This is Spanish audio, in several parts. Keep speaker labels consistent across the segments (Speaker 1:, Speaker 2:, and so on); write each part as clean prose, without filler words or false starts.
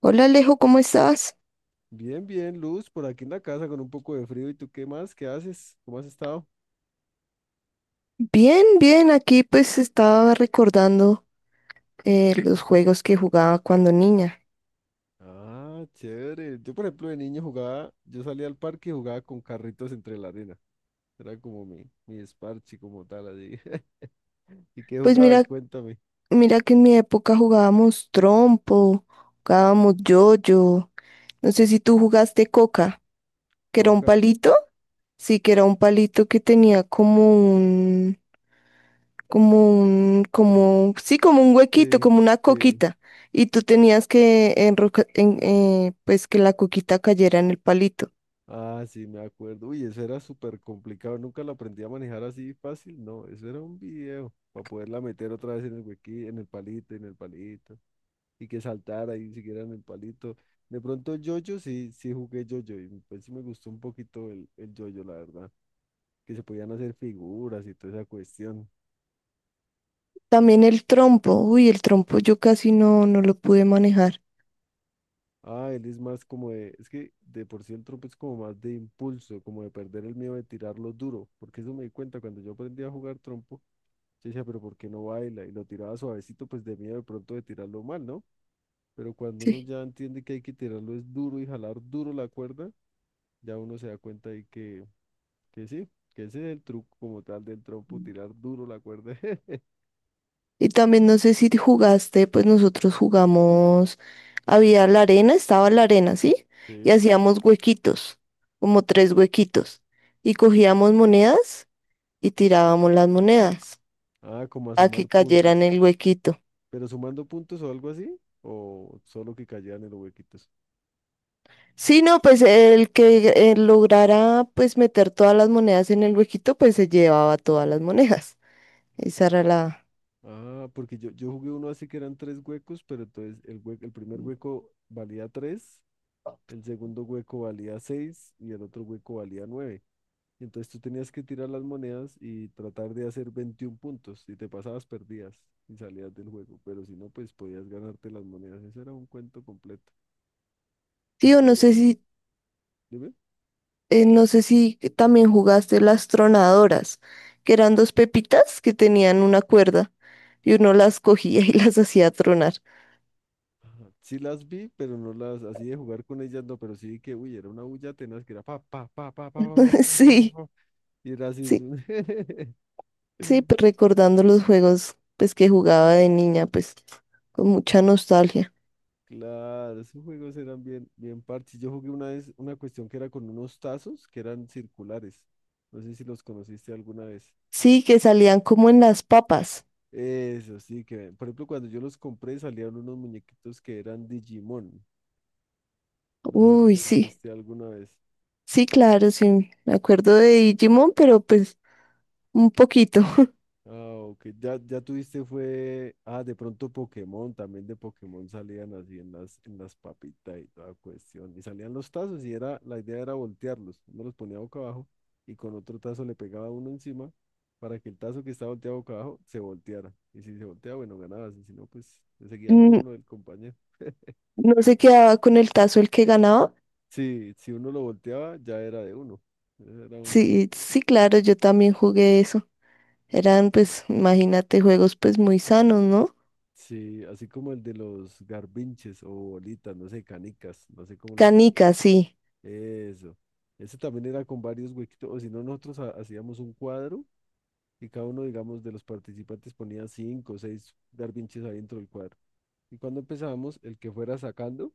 Speaker 1: Hola Alejo, ¿cómo estás?
Speaker 2: Bien, bien, Luz, por aquí en la casa con un poco de frío. ¿Y tú qué más? ¿Qué haces? ¿Cómo has estado?
Speaker 1: Bien, bien, aquí pues estaba recordando los juegos que jugaba cuando niña.
Speaker 2: Ah, chévere. Yo, por ejemplo, de niño jugaba, yo salía al parque y jugaba con carritos entre la arena. Era como mi esparchi, como tal, así. ¿Y qué
Speaker 1: Pues mira,
Speaker 2: jugabas? Cuéntame.
Speaker 1: mira que en mi época jugábamos trompo, jugábamos yoyo. No sé si tú jugaste coca, que era un
Speaker 2: Coca,
Speaker 1: palito. Sí, que era un palito que tenía como un, como un,
Speaker 2: como...
Speaker 1: como, sí, como un huequito,
Speaker 2: Sí,
Speaker 1: como una
Speaker 2: sí.
Speaker 1: coquita. Y tú tenías que pues que la coquita cayera en el palito.
Speaker 2: Ah, sí, me acuerdo. Uy, eso era súper complicado. Nunca lo aprendí a manejar así fácil. No, eso era un video para poderla meter otra vez en el huequí, en el palito, en el palito, y que saltara y siguiera en el palito. De pronto yo-yo sí, sí jugué yo-yo y pues sí me gustó un poquito el yo-yo, la verdad, que se podían hacer figuras y toda esa cuestión.
Speaker 1: También el trompo, uy, el trompo yo casi no lo pude manejar,
Speaker 2: Ah, él es más como de, es que de por sí el trompo es como más de impulso, como de perder el miedo de tirarlo duro, porque eso me di cuenta cuando yo aprendí a jugar trompo, yo decía, pero ¿por qué no baila? Y lo tiraba suavecito, pues de miedo de pronto de tirarlo mal, ¿no? Pero cuando uno
Speaker 1: sí.
Speaker 2: ya entiende que hay que tirarlo es duro y jalar duro la cuerda, ya uno se da cuenta ahí que... Que sí, que ese es el truco como tal del trompo, tirar duro la cuerda.
Speaker 1: Y también no sé si jugaste, pues nosotros jugamos, había la arena, estaba la arena, ¿sí? Y
Speaker 2: Sí.
Speaker 1: hacíamos huequitos, como tres huequitos, y cogíamos monedas y tirábamos las monedas
Speaker 2: Ah, como a
Speaker 1: a que
Speaker 2: sumar
Speaker 1: cayeran
Speaker 2: puntos.
Speaker 1: en el huequito.
Speaker 2: ¿Pero sumando puntos o algo así? ¿O solo que cayeran en los huequitos?
Speaker 1: Sí, no, pues el que lograra pues meter todas las monedas en el huequito, pues se llevaba todas las monedas. Esa era la...
Speaker 2: Ah, porque yo jugué uno así que eran tres huecos, pero entonces el primer hueco valía tres, el segundo hueco valía seis y el otro hueco valía nueve. Entonces tú tenías que tirar las monedas y tratar de hacer 21 puntos. Si te pasabas, perdías y salías del juego. Pero si no, pues podías ganarte las monedas. Ese era un cuento completo.
Speaker 1: Sí, o
Speaker 2: Este no. Dime.
Speaker 1: no sé si también jugaste las tronadoras, que eran dos pepitas que tenían una cuerda y uno las cogía y las hacía tronar.
Speaker 2: Ajá. Sí las vi, pero no las, así de jugar con ellas, no, pero sí que, uy, era una bulla tenaz que era pa, pa, pa, pa, pa, pa, pa, pa,
Speaker 1: Sí,
Speaker 2: pa, y era así.
Speaker 1: sí, sí, pues recordando los juegos pues que jugaba de niña, pues con mucha nostalgia.
Speaker 2: Claro, esos juegos eran bien, bien parches. Yo jugué una vez una cuestión que era con unos tazos que eran circulares. No sé si los conociste alguna vez.
Speaker 1: Sí, que salían como en las papas.
Speaker 2: Eso sí, que, por ejemplo, cuando yo los compré salían unos muñequitos que eran Digimon. No sé si
Speaker 1: Uy,
Speaker 2: los
Speaker 1: sí,
Speaker 2: viste alguna vez.
Speaker 1: sí, claro, sí, me acuerdo de Digimon, pero pues un poquito.
Speaker 2: Ah, ok. Ya, ya tuviste fue. Ah, de pronto Pokémon. También de Pokémon salían así en las papitas y toda cuestión. Y salían los tazos y era, la idea era voltearlos. Uno los ponía boca abajo y con otro tazo le pegaba uno encima para que el tazo que estaba volteado boca abajo se volteara. Y si se volteaba, bueno, ganabas. Y si no, pues le seguía el
Speaker 1: Mm.
Speaker 2: turno del compañero.
Speaker 1: No se quedaba con el tazo el que ganaba.
Speaker 2: Sí, si uno lo volteaba, ya era de uno. Ese era un.
Speaker 1: Sí, sí, claro, yo también jugué eso. Eran, pues, imagínate, juegos pues muy sanos, ¿no?
Speaker 2: Sí, así como el de los garbinches o bolitas, no sé, canicas, no sé cómo los...
Speaker 1: Canicas, sí.
Speaker 2: Eso. Eso también era con varios huequitos, o si no, nosotros hacíamos un cuadro y cada uno, digamos, de los participantes ponía cinco o seis garbinches ahí dentro del cuadro. Y cuando empezábamos, el que fuera sacando,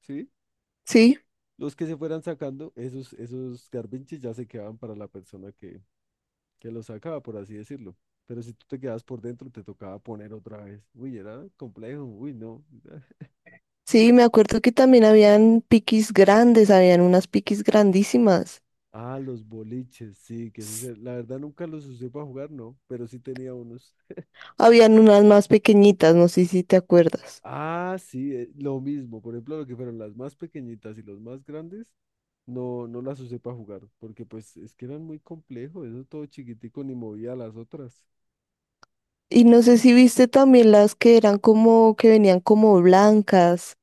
Speaker 2: ¿sí?
Speaker 1: Sí,
Speaker 2: Los que se fueran sacando, esos, esos garbinches ya se quedaban para la persona que los sacaba, por así decirlo. Pero si tú te quedabas por dentro, te tocaba poner otra vez. Uy, era complejo, uy, no.
Speaker 1: sí, me acuerdo que también habían piquis grandes, habían unas piquis grandísimas.
Speaker 2: Ah, los boliches, sí, que eso
Speaker 1: S-
Speaker 2: la verdad nunca los usé para jugar, no, pero sí tenía unos.
Speaker 1: Habían unas más pequeñitas, no sé si te acuerdas.
Speaker 2: Ah, sí, lo mismo. Por ejemplo, lo que fueron las más pequeñitas y los más grandes, no, no las usé para jugar, porque pues es que eran muy complejos, eso todo chiquitico ni movía las otras.
Speaker 1: Y no sé si viste también las que eran como, que venían como blancas.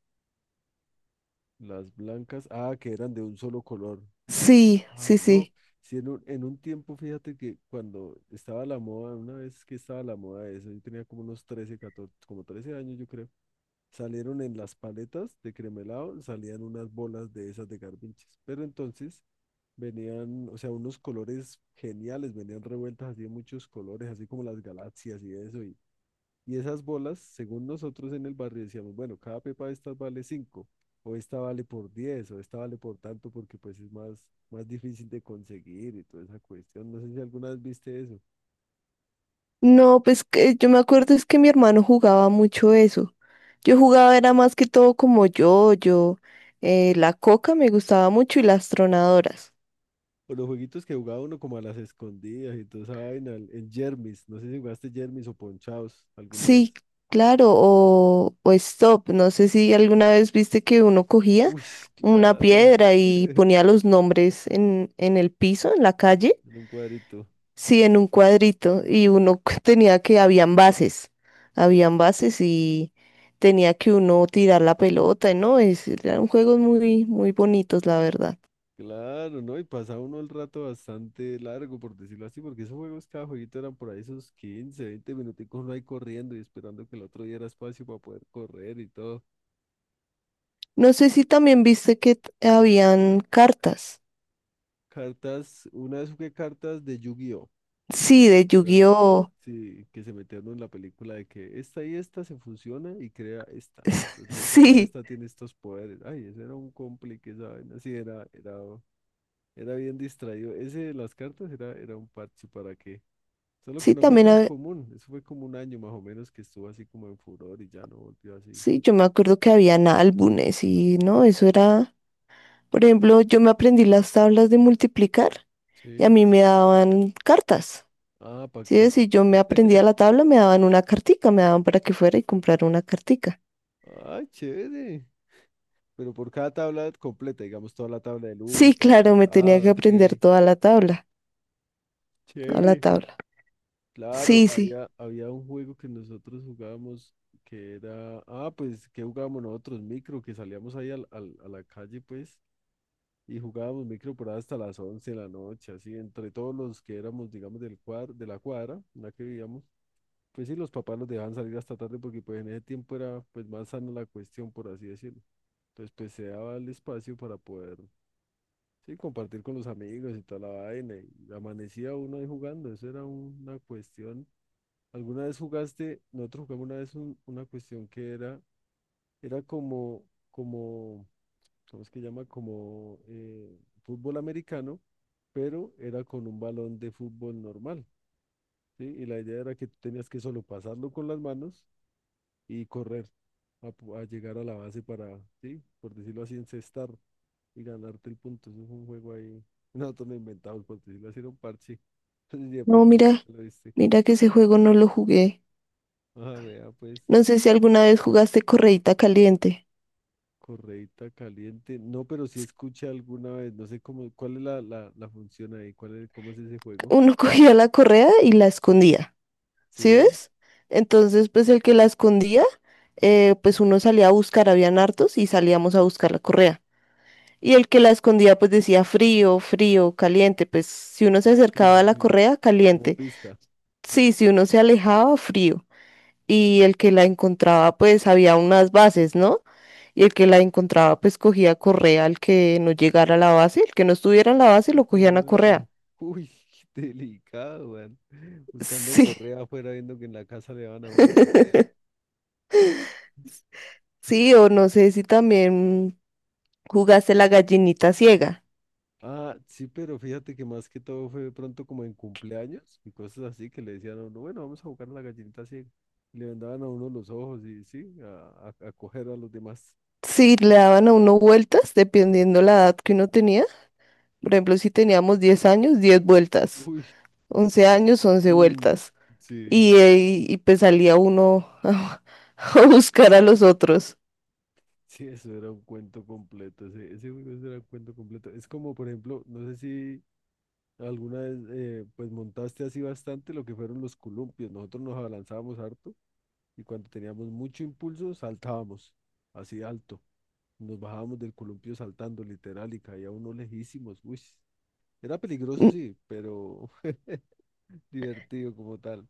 Speaker 2: Las blancas, ah, que eran de un solo color, que eran...
Speaker 1: Sí,
Speaker 2: ah,
Speaker 1: sí,
Speaker 2: no,
Speaker 1: sí.
Speaker 2: sí, en un tiempo, fíjate que cuando estaba la moda, una vez que estaba la moda de eso, yo tenía como unos 13, 14, como 13 años, yo creo. Salieron en las paletas de cremelado, salían unas bolas de esas de garbinches. Pero entonces venían, o sea, unos colores geniales, venían revueltas así de muchos colores, así como las galaxias y eso. Y esas bolas, según nosotros en el barrio, decíamos, bueno, cada pepa de estas vale 5 o esta vale por 10 o esta vale por tanto, porque pues es más, más difícil de conseguir y toda esa cuestión. No sé si alguna vez viste eso.
Speaker 1: No, pues que yo me acuerdo es que mi hermano jugaba mucho eso. Yo jugaba era más que todo como yo, la coca me gustaba mucho y las tronadoras.
Speaker 2: O los jueguitos que jugaba uno como a las escondidas y toda esa vaina, en Jermis. No sé si jugaste Jermis o Ponchaos alguna
Speaker 1: Sí,
Speaker 2: vez.
Speaker 1: claro, o stop. No sé si alguna vez viste que uno cogía
Speaker 2: Uy,
Speaker 1: una
Speaker 2: claro.
Speaker 1: piedra y ponía los nombres en el piso, en la calle,
Speaker 2: En un cuadrito.
Speaker 1: sí, en un cuadrito, y uno tenía que, habían bases y tenía que uno tirar la pelota, ¿no? Eran juegos muy, muy bonitos, la verdad.
Speaker 2: Claro, ¿no? Y pasaba uno el rato bastante largo, por decirlo así, porque esos juegos, cada jueguito eran por ahí esos 15 20 minuticos uno ahí corriendo y esperando que el otro diera espacio para poder correr y todo.
Speaker 1: No sé si también viste que habían cartas,
Speaker 2: Cartas, una vez jugué cartas de yu gi...
Speaker 1: sí, de
Speaker 2: Eran,
Speaker 1: Yu-Gi-Oh!
Speaker 2: sí, que se metieron en la película de que esta y esta se fusiona y crea esta. Entonces ahora
Speaker 1: Sí,
Speaker 2: esta tiene estos poderes. Ay, ese era un complique, esa vaina. Sí, era bien distraído. Ese de las cartas era, era un parche para que. Solo que
Speaker 1: sí,
Speaker 2: no fue
Speaker 1: también.
Speaker 2: tan común. Eso fue como un año más o menos que estuvo así como en furor y ya no volvió así.
Speaker 1: Sí, yo me acuerdo que habían álbumes y no, eso era, por ejemplo, yo me aprendí las tablas de multiplicar y a
Speaker 2: Sí.
Speaker 1: mí me daban cartas.
Speaker 2: Ah,
Speaker 1: Sí,
Speaker 2: por si.
Speaker 1: si yo me aprendía la tabla, me daban una cartica, me daban para que fuera y comprara una cartica.
Speaker 2: Ah, chévere. Pero por cada tabla completa, digamos, toda la tabla del uno,
Speaker 1: Sí,
Speaker 2: toda la
Speaker 1: claro,
Speaker 2: tabla.
Speaker 1: me tenía que
Speaker 2: Ah, ok.
Speaker 1: aprender toda la tabla, toda la
Speaker 2: Chévere.
Speaker 1: tabla.
Speaker 2: Claro,
Speaker 1: Sí, sí.
Speaker 2: había, había un juego que nosotros jugábamos que era, ah, pues, ¿que jugábamos nosotros? Micro, que salíamos ahí a la calle, pues, y jugábamos micro por ahí hasta las 11 de la noche, así, entre todos los que éramos, digamos, del cuadro, de la cuadra, en la que vivíamos, pues sí, los papás nos dejaban salir hasta tarde porque, pues, en ese tiempo era, pues, más sana la cuestión, por así decirlo. Entonces, pues, se daba el espacio para poder, sí, compartir con los amigos y toda la vaina, y amanecía uno ahí jugando, eso era una cuestión. ¿Alguna vez jugaste? Nosotros jugamos una vez una cuestión que era, era como, como, ¿cómo es que llama? Como fútbol americano, pero era con un balón de fútbol normal, ¿sí? Y la idea era que tú tenías que solo pasarlo con las manos y correr a, a llegar a la base para, ¿sí? Por decirlo así, encestar y ganarte el punto. Eso es un juego ahí. Nosotros lo inventamos, por decirlo así, era un parche. Y de
Speaker 1: No,
Speaker 2: pronto alguien
Speaker 1: mira,
Speaker 2: te lo viste.
Speaker 1: mira que ese juego no lo jugué.
Speaker 2: Ah, vea, pues.
Speaker 1: No sé si alguna vez jugaste correíta caliente.
Speaker 2: Correita caliente. No, pero sí escuché alguna vez. No sé cómo, cuál es la, la, la función ahí, cuál es, cómo es ese juego.
Speaker 1: Uno cogía la correa y la escondía. ¿Sí
Speaker 2: Sí,
Speaker 1: ves? Entonces, pues el que la escondía, pues uno salía a buscar, habían hartos y salíamos a buscar la correa. Y el que la escondía, pues decía frío, frío, caliente. Pues si uno se
Speaker 2: sí,
Speaker 1: acercaba a
Speaker 2: sí,
Speaker 1: la
Speaker 2: sí.
Speaker 1: correa,
Speaker 2: Como
Speaker 1: caliente.
Speaker 2: pista.
Speaker 1: Sí, si uno se alejaba, frío. Y el que la encontraba, pues había unas bases, ¿no? Y el que la encontraba, pues cogía correa al que no llegara a la base, el que no estuviera en la base,
Speaker 2: Ah,
Speaker 1: lo
Speaker 2: jue
Speaker 1: cogían a
Speaker 2: madre.
Speaker 1: correa.
Speaker 2: Uy, qué delicado, man. Buscando
Speaker 1: Sí.
Speaker 2: correa afuera, viendo que en la casa le van a uno correa.
Speaker 1: Sí, o no sé si también ¿jugaste la gallinita ciega?
Speaker 2: Ah, sí, pero fíjate que más que todo fue de pronto como en cumpleaños y cosas así que le decían a uno, bueno, vamos a jugar a la gallinita ciega. Y le vendaban a uno los ojos y sí, a coger a los demás.
Speaker 1: Sí, le daban a uno vueltas dependiendo la edad que uno tenía. Por ejemplo, si teníamos 10 años, 10 vueltas.
Speaker 2: Uy,
Speaker 1: 11 años, once
Speaker 2: mm,
Speaker 1: vueltas.
Speaker 2: sí.
Speaker 1: Y, pues salía uno a buscar a los otros.
Speaker 2: Sí, eso era un cuento completo, ese juego eso era un cuento completo. Es como, por ejemplo, no sé si alguna vez pues montaste así bastante lo que fueron los columpios. Nosotros nos abalanzábamos harto y cuando teníamos mucho impulso saltábamos así alto. Nos bajábamos del columpio saltando literal y caía uno lejísimos. Uy, era peligroso,
Speaker 1: M-
Speaker 2: sí, pero divertido como tal.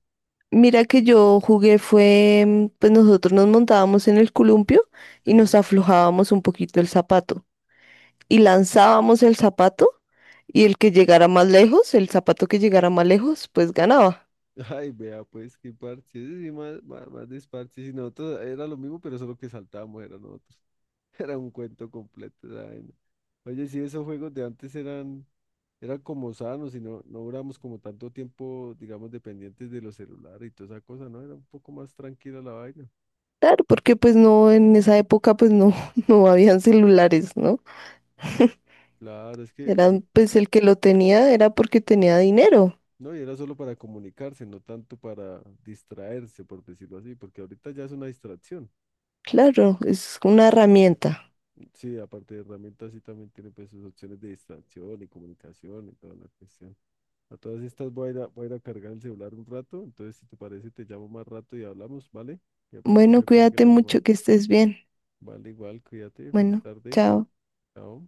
Speaker 1: Mira que yo jugué fue, mm, pues nosotros nos montábamos en el columpio y nos
Speaker 2: Sí.
Speaker 1: aflojábamos un poquito el zapato. Y lanzábamos el zapato y el que llegara más lejos, el zapato que llegara más lejos, pues ganaba.
Speaker 2: Ay, vea, pues qué parche. Ese sí, más, más, más desparche. Si nosotros era lo mismo, pero solo que saltábamos, era nosotros. Era un cuento completo esa vaina. Oye, sí, esos juegos de antes eran, eran como sanos y no, no duramos como tanto tiempo, digamos, dependientes de los celulares y toda esa cosa, ¿no? Era un poco más tranquila la vaina.
Speaker 1: Claro, porque pues no, en esa época pues no, no habían celulares, ¿no?
Speaker 2: Claro, es que, de...
Speaker 1: Eran, pues el que lo tenía era porque tenía dinero.
Speaker 2: no, y era solo para comunicarse, no tanto para distraerse, por decirlo así, porque ahorita ya es una distracción.
Speaker 1: Claro, es una herramienta.
Speaker 2: Sí, aparte de herramientas, sí también tiene pues sus opciones de distracción y comunicación y toda la cuestión. A todas estas voy a ir a, voy a ir a cargar el celular un rato, entonces si te parece te llamo más rato y hablamos, ¿vale? Que de pronto no
Speaker 1: Bueno,
Speaker 2: se cuelgue
Speaker 1: cuídate
Speaker 2: la llamada.
Speaker 1: mucho, que estés bien.
Speaker 2: Vale, igual, cuídate, feliz
Speaker 1: Bueno,
Speaker 2: tarde,
Speaker 1: chao.
Speaker 2: chao.